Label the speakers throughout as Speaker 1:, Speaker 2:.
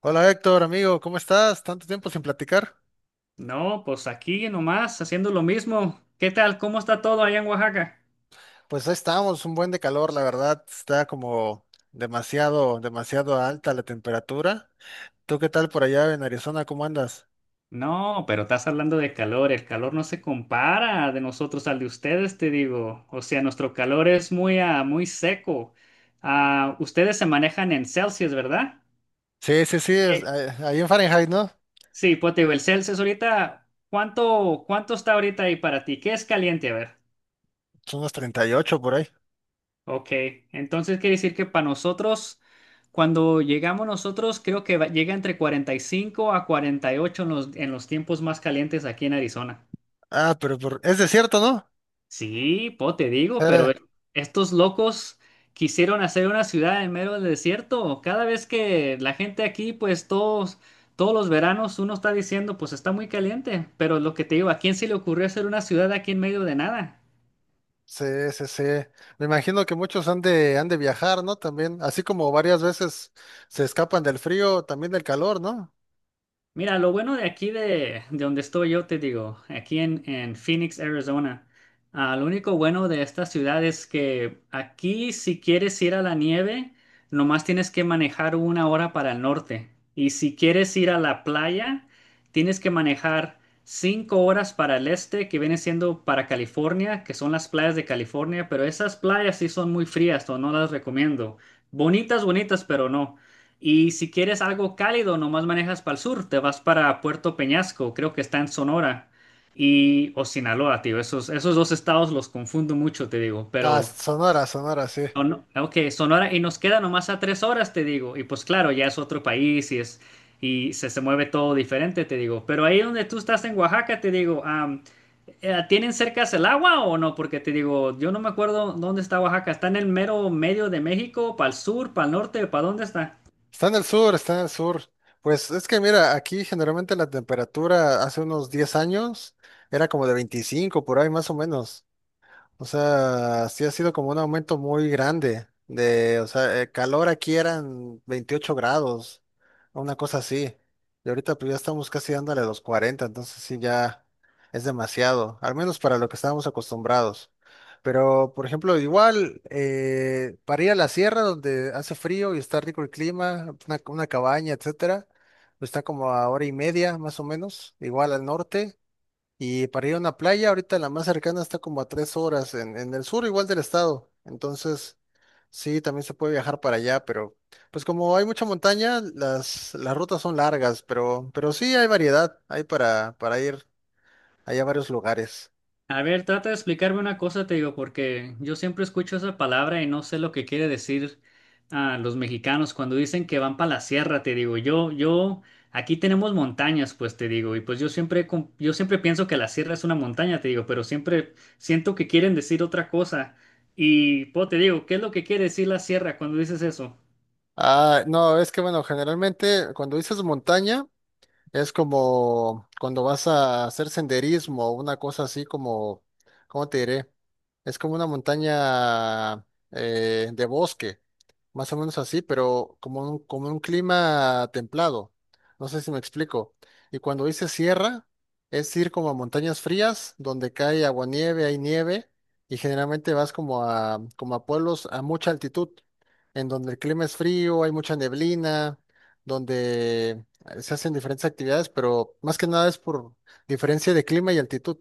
Speaker 1: Hola Héctor, amigo, ¿cómo estás? Tanto tiempo sin platicar.
Speaker 2: No, pues aquí nomás haciendo lo mismo. ¿Qué tal? ¿Cómo está todo allá en Oaxaca?
Speaker 1: Pues ahí estamos, un buen de calor, la verdad, está como demasiado, demasiado alta la temperatura. ¿Tú qué tal por allá en Arizona? ¿Cómo andas?
Speaker 2: No, pero estás hablando de calor. El calor no se compara de nosotros al de ustedes, te digo. O sea, nuestro calor es muy seco. Ah, ustedes se manejan en Celsius, ¿verdad?
Speaker 1: Sí, sí, sí, es,
Speaker 2: Sí,
Speaker 1: ahí en Fahrenheit, ¿no?
Speaker 2: sí, pues te digo, el Celsius ahorita, ¿cuánto está ahorita ahí para ti? ¿Qué es caliente? A ver.
Speaker 1: Son unos 38 por ahí.
Speaker 2: Ok, entonces quiere decir que para nosotros, cuando llegamos nosotros, creo que llega entre 45 a 48 en los tiempos más calientes aquí en Arizona.
Speaker 1: Ah, es desierto, ¿no?
Speaker 2: Sí, po, te digo, pero
Speaker 1: Eh,
Speaker 2: estos locos quisieron hacer una ciudad en medio del desierto. Cada vez que la gente aquí, pues todos los veranos uno está diciendo, pues está muy caliente, pero lo que te digo, ¿a quién se le ocurrió hacer una ciudad aquí en medio de nada?
Speaker 1: sí, sí, sí. Me imagino que muchos han de viajar, ¿no? También, así como varias veces se escapan del frío, también del calor, ¿no?
Speaker 2: Mira, lo bueno de aquí de donde estoy yo, te digo, aquí en Phoenix, Arizona, lo único bueno de esta ciudad es que aquí si quieres ir a la nieve, nomás tienes que manejar 1 hora para el norte. Y si quieres ir a la playa, tienes que manejar 5 horas para el este, que viene siendo para California, que son las playas de California, pero esas playas sí son muy frías, o no las recomiendo. Bonitas, bonitas, pero no. Y si quieres algo cálido, nomás manejas para el sur, te vas para Puerto Peñasco, creo que está en Sonora, y o Sinaloa, tío. Esos dos estados los confundo mucho, te digo,
Speaker 1: Ah,
Speaker 2: pero
Speaker 1: Sonora, Sonora, sí.
Speaker 2: o no, ok, Sonora, y nos queda nomás a 3 horas, te digo, y pues claro, ya es otro país y se mueve todo diferente, te digo. Pero ahí donde tú estás en Oaxaca, te digo, ¿tienen cercas el agua o no? Porque te digo, yo no me acuerdo dónde está Oaxaca, está en el mero medio de México, para el sur, para el norte, ¿para dónde está?
Speaker 1: Está en el sur, está en el sur. Pues es que mira, aquí generalmente la temperatura hace unos 10 años era como de 25 por ahí más o menos. O sea, sí ha sido como un aumento muy grande de, o sea, el calor aquí eran 28 grados, una cosa así. Y ahorita pues ya estamos casi dándole los 40, entonces sí ya es demasiado, al menos para lo que estábamos acostumbrados. Pero, por ejemplo, igual, para ir a la sierra donde hace frío y está rico el clima, una cabaña, etcétera, pues está como a hora y media más o menos, igual al norte. Y para ir a una playa, ahorita la más cercana está como a 3 horas en el sur, igual del estado. Entonces, sí, también se puede viajar para allá, pero pues como hay mucha montaña, las rutas son largas, pero sí hay variedad, hay para ir allá a varios lugares.
Speaker 2: A ver, trata de explicarme una cosa, te digo, porque yo siempre escucho esa palabra y no sé lo que quiere decir a los mexicanos cuando dicen que van para la sierra, te digo. Yo, aquí tenemos montañas, pues te digo, y pues yo siempre, yo siempre pienso que la sierra es una montaña, te digo, pero siempre siento que quieren decir otra cosa. Y pues te digo, ¿qué es lo que quiere decir la sierra cuando dices eso?
Speaker 1: Ah, no, es que bueno, generalmente cuando dices montaña, es como cuando vas a hacer senderismo o una cosa así como, ¿cómo te diré? Es como una montaña de bosque, más o menos así, pero como como un clima templado. No sé si me explico. Y cuando dice sierra, es ir como a montañas frías donde cae aguanieve, hay nieve, y generalmente vas como a pueblos a mucha altitud, en donde el clima es frío, hay mucha neblina donde se hacen diferentes actividades, pero más que nada es por diferencia de clima y altitud.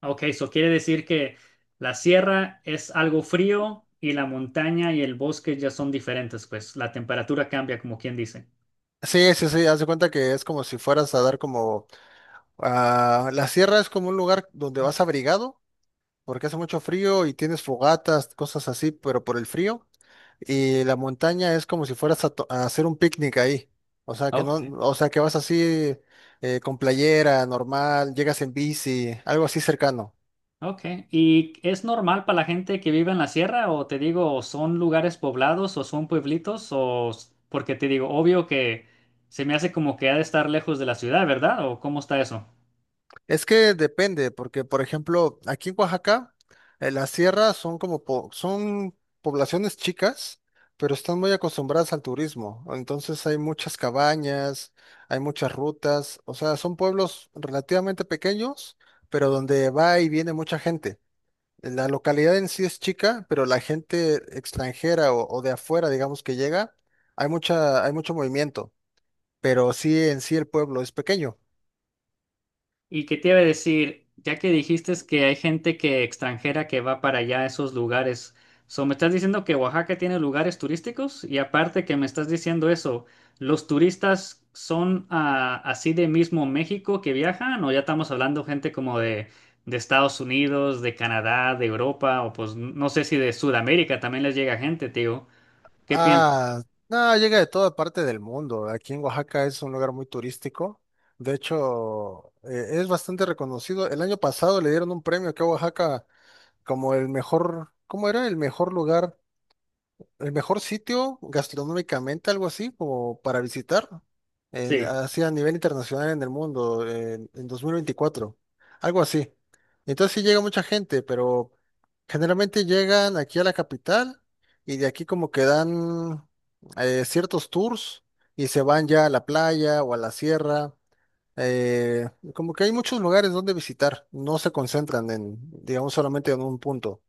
Speaker 2: Ok, eso quiere decir que la sierra es algo frío y la montaña y el bosque ya son diferentes, pues la temperatura cambia, como quien dice.
Speaker 1: Sí, sí, sí, haz de cuenta que es como si fueras a dar como... Ah, la sierra es como un lugar donde vas abrigado, porque hace mucho frío y tienes fogatas, cosas así, pero por el frío. Y la montaña es como si fueras a, a hacer un picnic ahí. O sea que no,
Speaker 2: Ok,
Speaker 1: o sea que vas así con playera normal, llegas en bici, algo así cercano.
Speaker 2: ok. ¿Y es normal para la gente que vive en la sierra o te digo, o son lugares poblados o son pueblitos o porque te digo, obvio que se me hace como que ha de estar lejos de la ciudad, ¿verdad? ¿O cómo está eso?
Speaker 1: Es que depende, porque por ejemplo, aquí en Oaxaca, las sierras son como son poblaciones chicas, pero están muy acostumbradas al turismo. Entonces hay muchas cabañas, hay muchas rutas, o sea, son pueblos relativamente pequeños, pero donde va y viene mucha gente. La localidad en sí es chica, pero la gente extranjera o de afuera, digamos que llega, hay mucha, hay mucho movimiento, pero sí en sí el pueblo es pequeño.
Speaker 2: Y que te iba a decir, ya que dijiste es que hay gente que extranjera que va para allá a esos lugares, so, ¿me estás diciendo que Oaxaca tiene lugares turísticos? Y aparte que me estás diciendo eso, ¿los turistas son así de mismo México que viajan o ya estamos hablando gente como de Estados Unidos, de Canadá, de Europa o pues no sé si de Sudamérica también les llega gente, tío? ¿Qué piensas?
Speaker 1: Ah, no, llega de toda parte del mundo. Aquí en Oaxaca es un lugar muy turístico. De hecho, es bastante reconocido. El año pasado le dieron un premio aquí a Oaxaca como el mejor, ¿cómo era? El mejor lugar, el mejor sitio gastronómicamente, algo así, como para visitar, en,
Speaker 2: Sí.
Speaker 1: así a nivel internacional en el mundo, en 2024, algo así. Entonces sí llega mucha gente, pero generalmente llegan aquí a la capital y de aquí como que dan ciertos tours y se van ya a la playa o a la sierra. Eh, como que hay muchos lugares donde visitar, no se concentran digamos, solamente en un punto.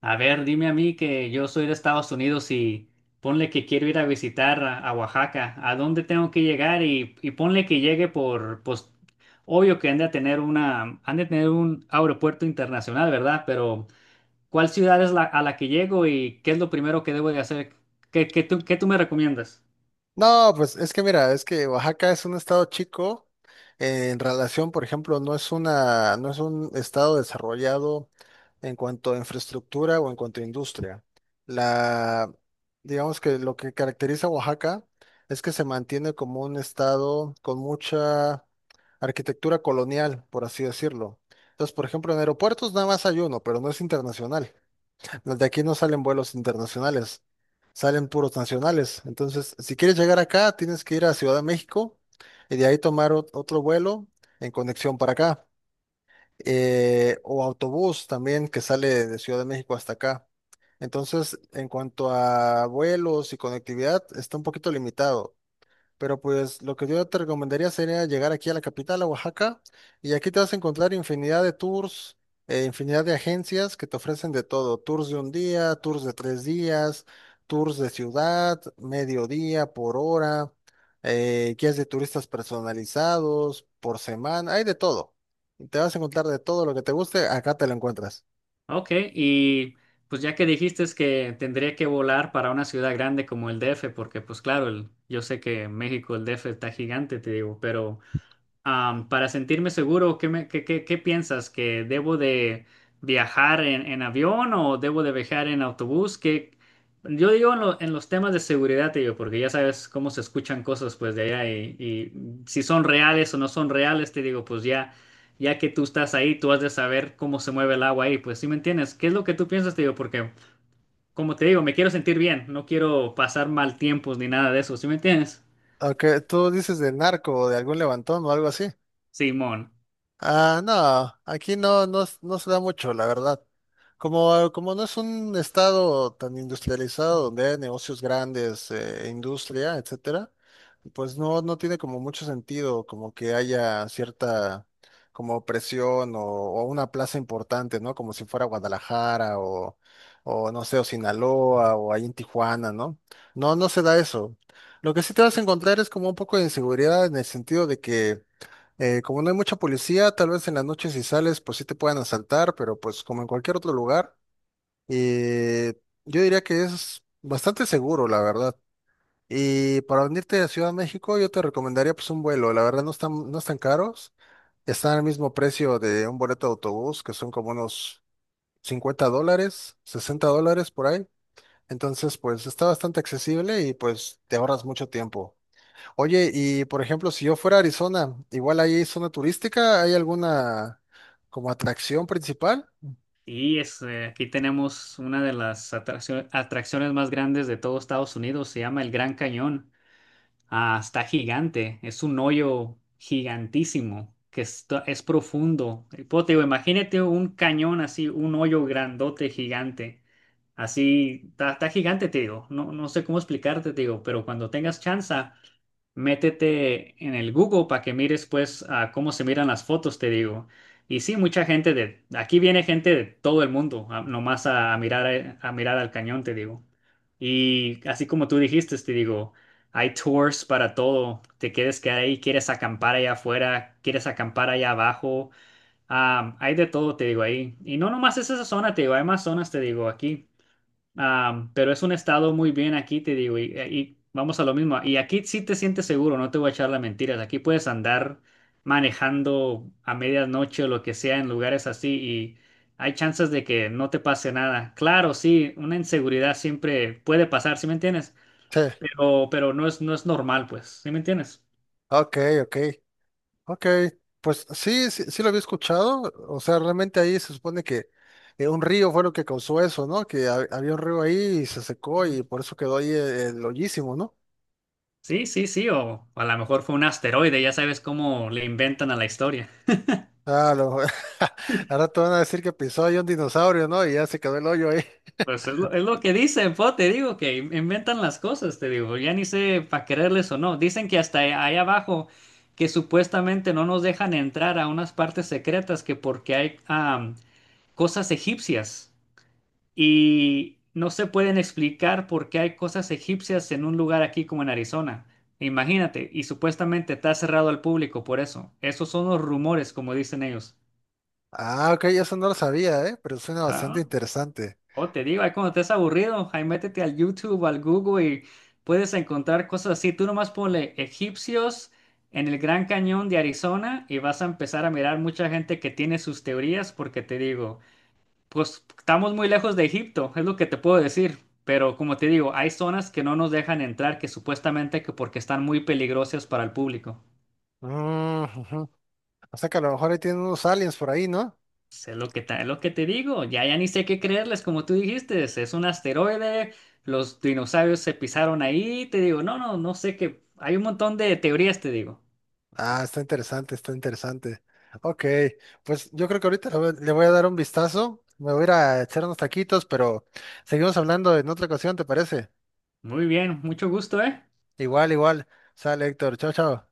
Speaker 2: A ver, dime a mí que yo soy de Estados Unidos y ponle que quiero ir a visitar a Oaxaca. ¿A dónde tengo que llegar? Y ponle que llegue por, pues, obvio que han de tener un aeropuerto internacional, ¿verdad? Pero, ¿cuál ciudad es a la que llego y qué es lo primero que debo de hacer? ¿Qué tú me recomiendas?
Speaker 1: No, pues es que mira, es que Oaxaca es un estado chico, en relación, por ejemplo, no es un estado desarrollado en cuanto a infraestructura o en cuanto a industria. La, digamos que lo que caracteriza a Oaxaca es que se mantiene como un estado con mucha arquitectura colonial, por así decirlo. Entonces, por ejemplo, en aeropuertos nada más hay uno, pero no es internacional. Los de aquí no salen vuelos internacionales, salen puros nacionales. Entonces, si quieres llegar acá, tienes que ir a Ciudad de México y de ahí tomar otro vuelo en conexión para acá. Eh, o autobús también que sale de Ciudad de México hasta acá. Entonces, en cuanto a vuelos y conectividad, está un poquito limitado. Pero pues lo que yo te recomendaría sería llegar aquí a la capital, a Oaxaca, y aquí te vas a encontrar infinidad de tours, infinidad de agencias que te ofrecen de todo, tours de un día, tours de tres días, tours de ciudad, mediodía, por hora, guías de turistas personalizados, por semana, hay de todo. Te vas a encontrar de todo lo que te guste, acá te lo encuentras.
Speaker 2: Ok, y pues ya que dijiste es que tendría que volar para una ciudad grande como el DF, porque pues claro, yo sé que México, el DF está gigante, te digo, pero. Para sentirme seguro, ¿qué, me- qué, qué- qué piensas? ¿Que debo de viajar en avión o debo de viajar en autobús? Que yo digo en los temas de seguridad, te digo, porque ya sabes cómo se escuchan cosas pues de allá y si son reales o no son reales, te digo, pues ya que tú estás ahí, tú has de saber cómo se mueve el agua ahí, pues, ¿sí me entiendes? ¿Qué es lo que tú piensas? Te digo, porque como te digo, me quiero sentir bien, no quiero pasar mal tiempos ni nada de eso, ¿sí me entiendes?
Speaker 1: Aunque tú dices de narco o de algún levantón o algo así.
Speaker 2: Simón.
Speaker 1: Ah, no, aquí no, no, no se da mucho, la verdad. Como, como no es un estado tan industrializado donde hay negocios grandes, e industria, etcétera, pues no, no tiene como mucho sentido como que haya cierta como presión o una plaza importante, ¿no? Como si fuera Guadalajara o no sé, o Sinaloa o ahí en Tijuana, ¿no? No, no se da eso. Lo que sí te vas a encontrar es como un poco de inseguridad en el sentido de que como no hay mucha policía, tal vez en las noches si sales, pues sí te puedan asaltar, pero pues como en cualquier otro lugar, eh, yo diría que es bastante seguro, la verdad. Y para venirte a Ciudad de México, yo te recomendaría pues un vuelo, la verdad no están caros, están al mismo precio de un boleto de autobús, que son como unos $50, $60 por ahí. Entonces, pues está bastante accesible y pues te ahorras mucho tiempo. Oye, y por ejemplo, si yo fuera a Arizona, igual ahí hay zona turística, ¿hay alguna como atracción principal?
Speaker 2: Aquí tenemos una de las atracciones más grandes de todo Estados Unidos, se llama el Gran Cañón. Ah, está gigante, es un hoyo gigantísimo que es profundo. Y, pues, te digo, imagínate un cañón así, un hoyo grandote gigante. Así, está gigante, te digo. No, no sé cómo explicarte, te digo, pero cuando tengas chance, métete en el Google para que mires pues a cómo se miran las fotos, te digo. Y sí, mucha gente de aquí viene gente de todo el mundo, nomás a mirar a mirar al cañón, te digo. Y así como tú dijiste, te digo, hay tours para todo. Te quieres quedar ahí, quieres acampar allá afuera, quieres acampar allá abajo. Ah, hay de todo, te digo ahí. Y no nomás es esa zona, te digo, hay más zonas, te digo, aquí. Ah, pero es un estado muy bien aquí, te digo, y vamos a lo mismo. Y aquí sí te sientes seguro, no te voy a echar las mentiras. Aquí puedes andar manejando a medianoche o lo que sea en lugares así y hay chances de que no te pase nada. Claro, sí, una inseguridad siempre puede pasar, ¿sí me entiendes?
Speaker 1: Sí,
Speaker 2: Pero, no es normal, pues, ¿sí me entiendes?
Speaker 1: ok, ok, ok. Pues sí, sí, sí lo había escuchado. O sea, realmente ahí se supone que un río fue lo que causó eso, ¿no? Que había un río ahí y se secó y por eso quedó ahí el hoyísimo, ¿no?
Speaker 2: Sí, sí, sí, o a lo mejor fue un asteroide, ya sabes cómo le inventan a la historia.
Speaker 1: Ah, lo, ahora te van a decir que pisó ahí un dinosaurio, ¿no? Y ya se quedó el hoyo ahí.
Speaker 2: Pues es lo que dicen, po, te digo que inventan las cosas, te digo, ya ni sé para creerles o no. Dicen que hasta ahí abajo, que supuestamente no nos dejan entrar a unas partes secretas, que porque hay cosas egipcias y no se pueden explicar por qué hay cosas egipcias en un lugar aquí como en Arizona. Imagínate, y supuestamente está cerrado al público por eso. Esos son los rumores, como dicen ellos.
Speaker 1: Ah, ok, eso no lo sabía, ¿eh? Pero suena
Speaker 2: Ah,
Speaker 1: bastante interesante.
Speaker 2: o te digo, ahí cuando estés aburrido, ahí métete al YouTube, al Google y puedes encontrar cosas así. Tú nomás ponle egipcios en el Gran Cañón de Arizona y vas a empezar a mirar mucha gente que tiene sus teorías porque te digo, pues estamos muy lejos de Egipto, es lo que te puedo decir. Pero como te digo, hay zonas que no nos dejan entrar que supuestamente que porque están muy peligrosas para el público.
Speaker 1: Mm, ujú. O sea que a lo mejor ahí tienen unos aliens por ahí, ¿no?
Speaker 2: Pues, es lo que te digo, ya ni sé qué creerles, como tú dijiste, es un asteroide, los dinosaurios se pisaron ahí, te digo, no, no, no sé qué, hay un montón de teorías, te digo.
Speaker 1: Ah, está interesante, está interesante. Ok, pues yo creo que ahorita le voy a dar un vistazo. Me voy a ir a echar unos taquitos, pero seguimos hablando en otra ocasión, ¿te parece?
Speaker 2: Muy bien, mucho gusto, ¿eh?
Speaker 1: Igual, igual. Sale, Héctor. Chao, chao.